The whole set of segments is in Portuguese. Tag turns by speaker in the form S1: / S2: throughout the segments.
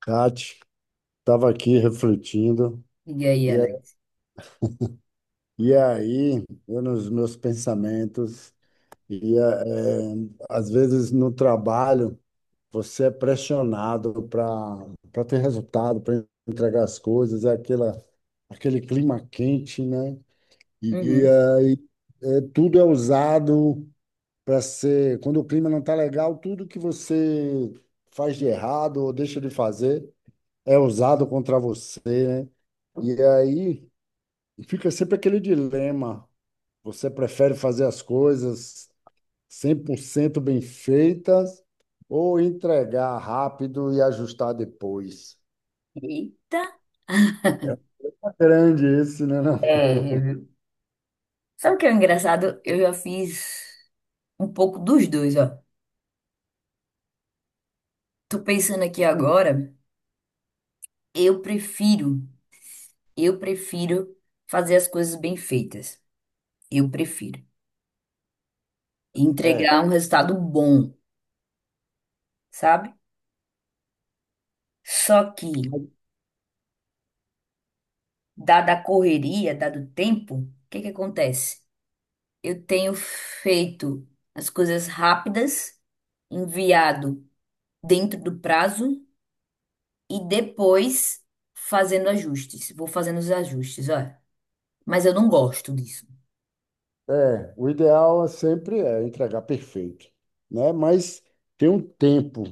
S1: Kate, estava aqui refletindo,
S2: E aí,
S1: e, a-
S2: Alex?
S1: e aí, eu nos meus pensamentos, e eh, às vezes no trabalho, você é pressionado para ter resultado, para entregar as coisas, aquele clima quente, né? E, e
S2: Uhum.
S1: aí, tudo é usado para ser, quando o clima não está legal, tudo que você faz de errado ou deixa de fazer é usado contra você, né? E aí, fica sempre aquele dilema. Você prefere fazer as coisas 100% bem feitas ou entregar rápido e ajustar depois?
S2: Eita!
S1: É uma grande esse, né? Não?
S2: É, viu? Sabe o que é engraçado? Eu já fiz um pouco dos dois, ó. Tô pensando aqui agora, eu prefiro, eu prefiro fazer as coisas bem feitas. Eu prefiro
S1: É,
S2: entregar um resultado bom, sabe? Só que, dada a correria, dado o tempo, o que que acontece? Eu tenho feito as coisas rápidas, enviado dentro do prazo e depois fazendo ajustes. Vou fazendo os ajustes, olha. Mas eu não gosto disso.
S1: o ideal é sempre é entregar perfeito, né? Mas tem um tempo.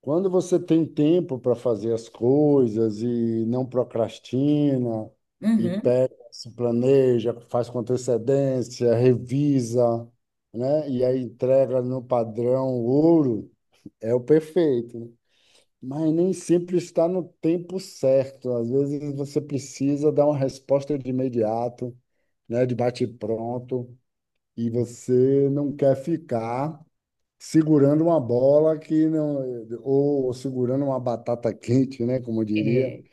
S1: Quando você tem tempo para fazer as coisas e não procrastina, e
S2: Uhum.
S1: pega, se planeja, faz com antecedência, revisa, né? E aí entrega no padrão ouro, é o perfeito, né? Mas nem sempre está no tempo certo. Às vezes você precisa dar uma resposta de imediato, né? De bate-pronto, e você não quer ficar segurando uma bola que não, ou segurando uma batata quente, né? Como eu diria,
S2: É,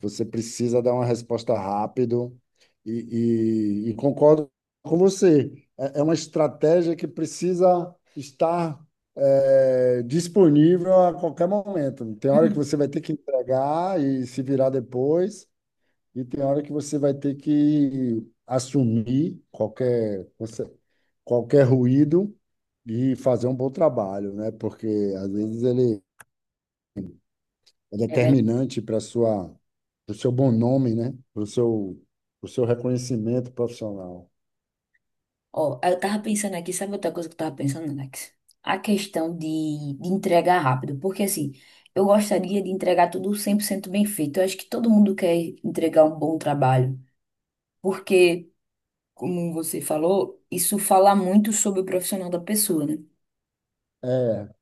S1: você precisa dar uma resposta rápido e concordo com você. É, é uma estratégia que precisa estar disponível a qualquer momento. Tem hora que
S2: uhum.
S1: você vai ter que entregar e se virar depois. E tem hora que você vai ter que assumir qualquer ruído e fazer um bom trabalho, né? Porque às vezes ele é
S2: É verdade.
S1: determinante para o seu bom nome, né? Para o seu reconhecimento profissional.
S2: Ó, eu tava pensando aqui, sabe outra coisa que eu tava pensando, Alex? A questão de entregar rápido. Porque assim, eu gostaria de entregar tudo 100% bem feito. Eu acho que todo mundo quer entregar um bom trabalho. Porque, como você falou, isso fala muito sobre o profissional da pessoa, né?
S1: É, é,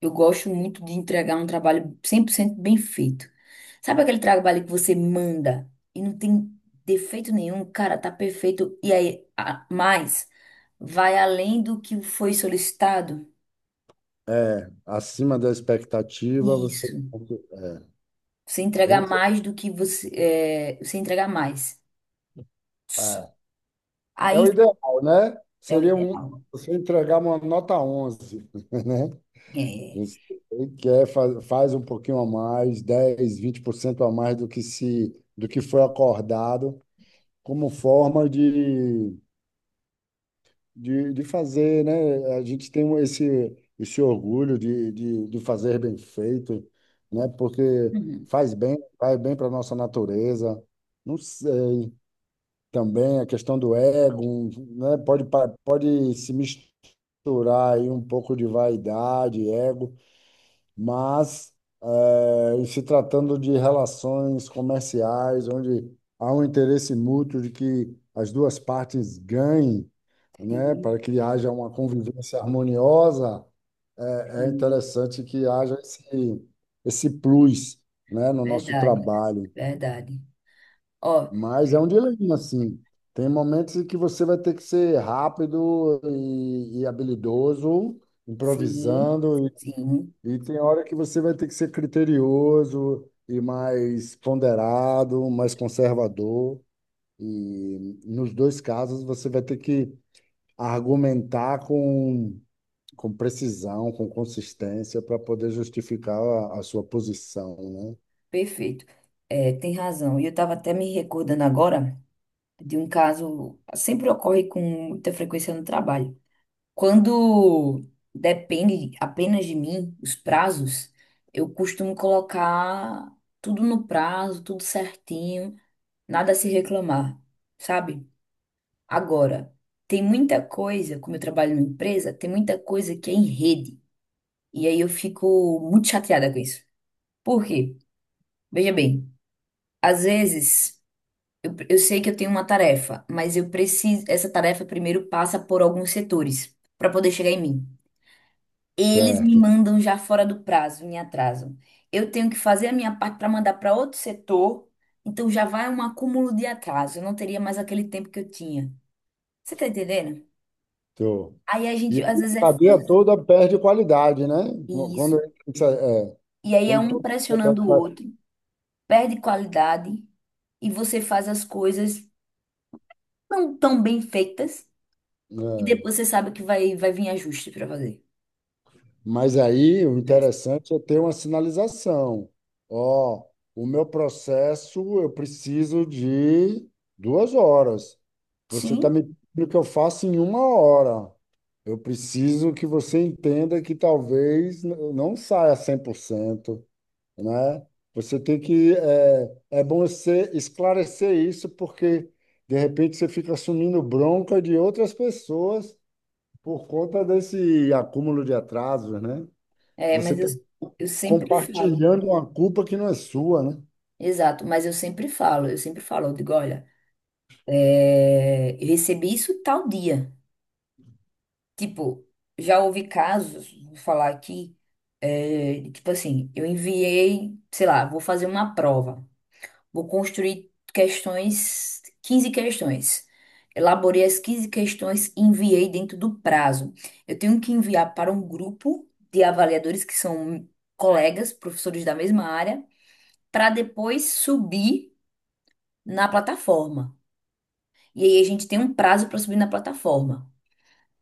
S2: Eu gosto muito de entregar um trabalho 100% bem feito. Sabe aquele trabalho que você manda e não tem defeito nenhum, cara, tá perfeito. E aí, mais, vai além do que foi solicitado?
S1: acima da expectativa, você.
S2: Isso.
S1: É,
S2: Você entregar
S1: esse-
S2: mais do que você, você entregar mais.
S1: é é o
S2: Aí
S1: ideal, né?
S2: é o ideal.
S1: Você entregar uma nota 11, né?
S2: É.
S1: Você faz um pouquinho a mais, 10 a 20% a mais do que se do que foi acordado, como forma de fazer, né? A gente tem esse orgulho de fazer bem feito, né? Porque
S2: Uhum.
S1: faz bem, vai bem para a nossa natureza. Não sei, também a questão do ego, né? Pode se misturar aí um pouco de vaidade, ego, mas em se tratando de relações comerciais, onde há um interesse mútuo de que as duas partes ganhem, né,
S2: Sim,
S1: para que haja uma convivência harmoniosa, é
S2: sim.
S1: interessante que haja esse plus, né, no nosso
S2: Verdade.
S1: trabalho.
S2: Verdade. Ó,
S1: Mas é um dilema, assim. Tem momentos em que você vai ter que ser rápido e habilidoso,
S2: sim,
S1: improvisando,
S2: sim,
S1: e tem hora que você vai ter que ser criterioso e mais ponderado, mais conservador. E nos dois casos você vai ter que argumentar com precisão, com consistência, para poder justificar a sua posição, né?
S2: perfeito. É, tem razão. E eu tava até me recordando agora, de um caso sempre ocorre com muita frequência no trabalho. Quando depende apenas de mim, os prazos, eu costumo colocar tudo no prazo, tudo certinho, nada a se reclamar, sabe? Agora, tem muita coisa, como eu trabalho numa empresa, tem muita coisa que é em rede. E aí eu fico muito chateada com isso. Por quê? Veja bem, às vezes. Eu sei que eu tenho uma tarefa, mas eu preciso. Essa tarefa primeiro passa por alguns setores para poder chegar em mim. Eles me
S1: Certo.
S2: mandam já fora do prazo, me atrasam. Eu tenho que fazer a minha parte para mandar para outro setor, então já vai um acúmulo de atraso. Eu não teria mais aquele tempo que eu tinha. Você tá entendendo?
S1: Tô.
S2: Aí a
S1: E
S2: gente
S1: a
S2: às vezes é
S1: cadeia toda perde qualidade, né? Quando,
S2: isso.
S1: é,
S2: E aí é
S1: quando
S2: um
S1: todo-
S2: pressionando o outro, perde qualidade e você faz as coisas não tão bem feitas e
S1: é,
S2: depois você sabe que vai vir ajuste para fazer.
S1: mas aí o
S2: Mas-
S1: interessante é ter uma sinalização. Ó, o meu processo eu preciso de 2 horas. Você está
S2: Sim,
S1: me pedindo que eu faça em 1 hora. Eu preciso que você entenda que talvez não saia 100%, né? Você tem que... É, é bom você esclarecer isso, porque, de repente, você fica assumindo bronca de outras pessoas por conta desse acúmulo de atrasos, né?
S2: é,
S1: Você
S2: mas eu,
S1: está
S2: eu sempre falo.
S1: compartilhando uma culpa que não é sua, né?
S2: Exato, mas eu sempre falo, eu sempre falo, eu digo, olha, é, eu recebi isso tal dia. Tipo, já houve casos, vou falar aqui, é, tipo assim, eu enviei, sei lá, vou fazer uma prova, vou construir questões, 15 questões. Elaborei as 15 questões e enviei dentro do prazo. Eu tenho que enviar para um grupo de avaliadores que são colegas, professores da mesma área, para depois subir na plataforma. E aí a gente tem um prazo para subir na plataforma.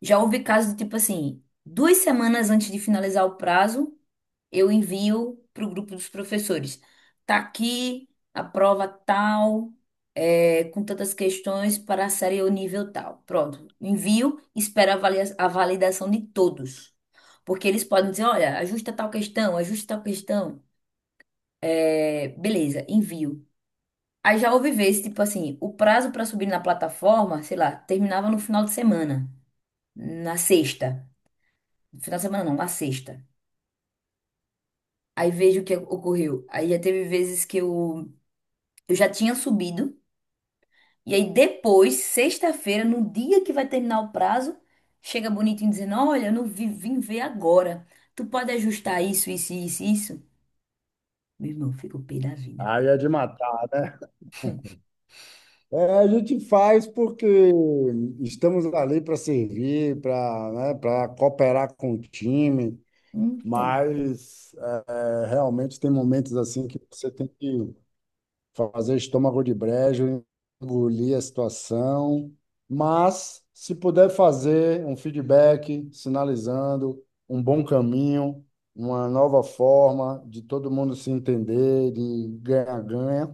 S2: Já houve casos de tipo assim, 2 semanas antes de finalizar o prazo, eu envio para o grupo dos professores. Tá aqui a prova tal, é, com tantas questões para a série ou nível tal. Pronto, envio, espero a a validação de todos. Porque eles podem dizer, olha, ajusta tal questão, ajusta tal questão. É, beleza, envio. Aí já houve vezes, tipo assim, o prazo pra subir na plataforma, sei lá, terminava no final de semana, na sexta. No final de semana não, na sexta. Aí vejo o que ocorreu. Aí já teve vezes que eu já tinha subido, e aí depois, sexta-feira, no dia que vai terminar o prazo, chega bonitinho dizendo: Olha, eu não vi, vim ver agora. Tu pode ajustar isso, isso, isso, isso? Meu irmão, fica pé da vida.
S1: Aí é de matar, né? É, a gente faz porque estamos ali para servir, para, né, para cooperar com o time,
S2: Então,
S1: mas é, realmente tem momentos assim que você tem que fazer estômago de brejo, engolir a situação, mas se puder fazer um feedback sinalizando um bom caminho, uma nova forma de todo mundo se entender, de ganhar-ganha,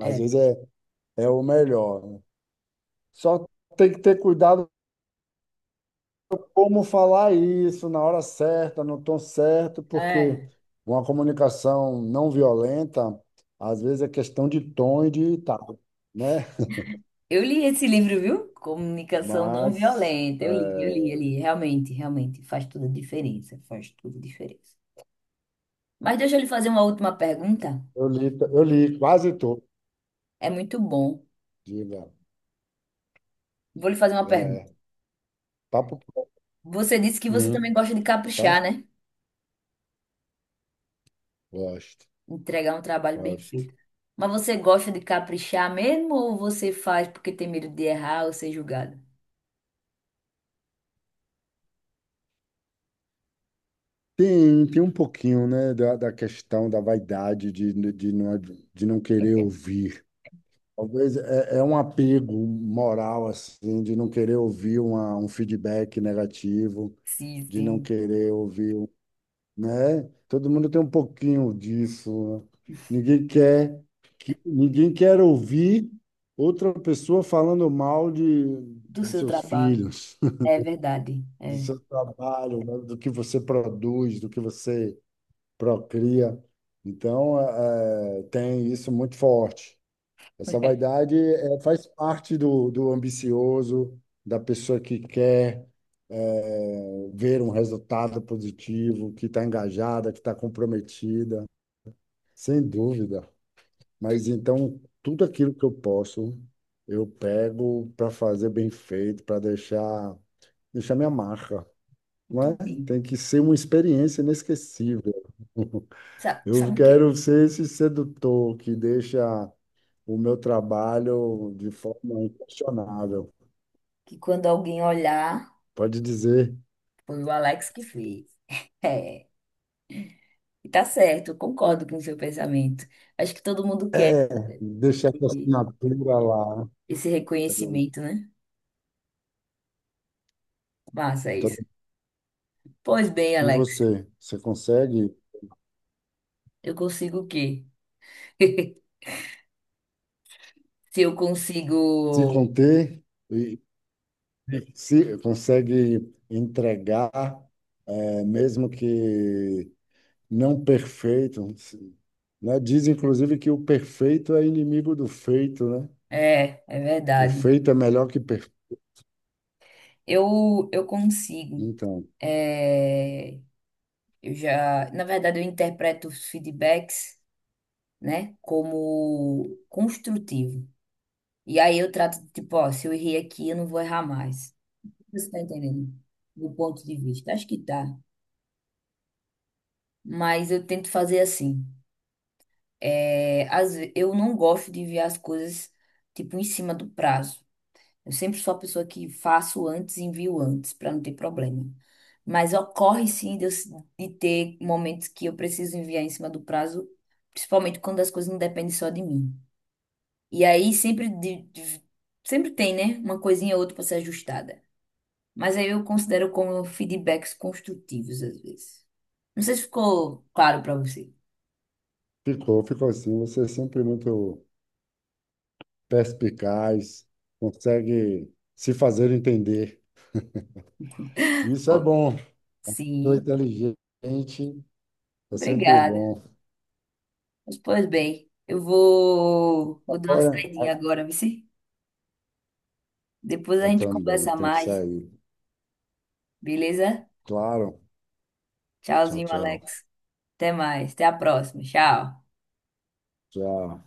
S1: às vezes é o melhor, né? Só tem que ter cuidado como falar isso na hora certa, no tom certo, porque
S2: É.
S1: uma comunicação não violenta, às vezes é questão de tom e de tal, né?
S2: Eu li esse livro, viu? Comunicação não
S1: Mas
S2: violenta. Eu li, eu li,
S1: é,
S2: eu li. Realmente, realmente faz toda a diferença. Faz toda a diferença. Mas deixa eu lhe fazer uma última pergunta.
S1: eu li, eu li quase tudo.
S2: É muito bom.
S1: Diga,
S2: Vou lhe fazer uma pergunta.
S1: é, papo. pro-
S2: Você disse que você também
S1: Hum,
S2: gosta de
S1: tá?
S2: caprichar, né?
S1: Gosto,
S2: Entregar um trabalho bem
S1: gosto.
S2: feito. Mas você gosta de caprichar mesmo ou você faz porque tem medo de errar ou ser julgado?
S1: Tem um pouquinho, né, da questão da vaidade não, de não querer ouvir. Talvez é um apego moral, assim, de não querer ouvir um feedback negativo,
S2: Sim,
S1: de não
S2: sim.
S1: querer ouvir, né? Todo mundo tem um pouquinho disso, né? Ninguém quer ninguém quer ouvir outra pessoa falando mal
S2: Do
S1: de
S2: seu
S1: seus
S2: trabalho.
S1: filhos,
S2: É verdade.
S1: do
S2: É.
S1: seu trabalho, né? Do que você produz, do que você procria. Então, tem isso muito forte. Essa vaidade faz parte do, do ambicioso, da pessoa que quer é, ver um resultado positivo, que está engajada, que está comprometida. Sem dúvida. Mas então, tudo aquilo que eu posso, eu pego para fazer bem feito, para deixar, deixar minha marca, não
S2: Muito
S1: é?
S2: bem.
S1: Tem que ser uma experiência inesquecível.
S2: Sabe,
S1: Eu
S2: sabe o quê?
S1: quero ser esse sedutor que deixa o meu trabalho de forma inquestionável.
S2: Que quando alguém olhar.
S1: Pode dizer,
S2: Foi o Alex que fez. É, e tá certo, eu concordo com o seu pensamento. Acho que todo mundo quer
S1: é, deixar essa assinatura lá.
S2: esse reconhecimento, né? Massa isso. Pois bem,
S1: E
S2: Alex,
S1: você, você consegue
S2: eu consigo o quê? Se eu
S1: se
S2: consigo.
S1: conter? E se consegue entregar, mesmo que não perfeito, né? Diz inclusive que o perfeito é inimigo do feito, né?
S2: É, é
S1: O
S2: verdade.
S1: feito é melhor que perfeito.
S2: Eu consigo.
S1: Então,
S2: É, eu já. Na verdade, eu interpreto os feedbacks, né, como construtivo. E aí eu trato, tipo, ó, se eu errei aqui, eu não vou errar mais. Você está entendendo? Do ponto de vista. Acho que tá. Mas eu tento fazer assim. É, eu não gosto de enviar as coisas, tipo, em cima do prazo. Eu sempre sou a pessoa que faço antes e envio antes, para não ter problema. Mas ocorre sim de ter momentos que eu preciso enviar em cima do prazo, principalmente quando as coisas não dependem só de mim. E aí sempre, sempre tem, né? Uma coisinha ou outra para ser ajustada. Mas aí eu considero como feedbacks construtivos, às vezes. Não sei se ficou claro para você.
S1: ficou, ficou assim. Você é sempre muito perspicaz, consegue se fazer entender. Isso é
S2: Ficou?
S1: bom. Sou
S2: Sim,
S1: inteligente, é sempre
S2: obrigada.
S1: bom.
S2: Mas, pois bem, eu vou dar uma
S1: Agora,
S2: saidinha agora, vice. Depois a
S1: eu
S2: gente
S1: também
S2: conversa
S1: tenho que
S2: mais,
S1: sair.
S2: beleza?
S1: Claro. Tchau,
S2: Tchauzinho,
S1: tchau.
S2: Alex. Até mais. Até a próxima. Tchau.
S1: Tchau.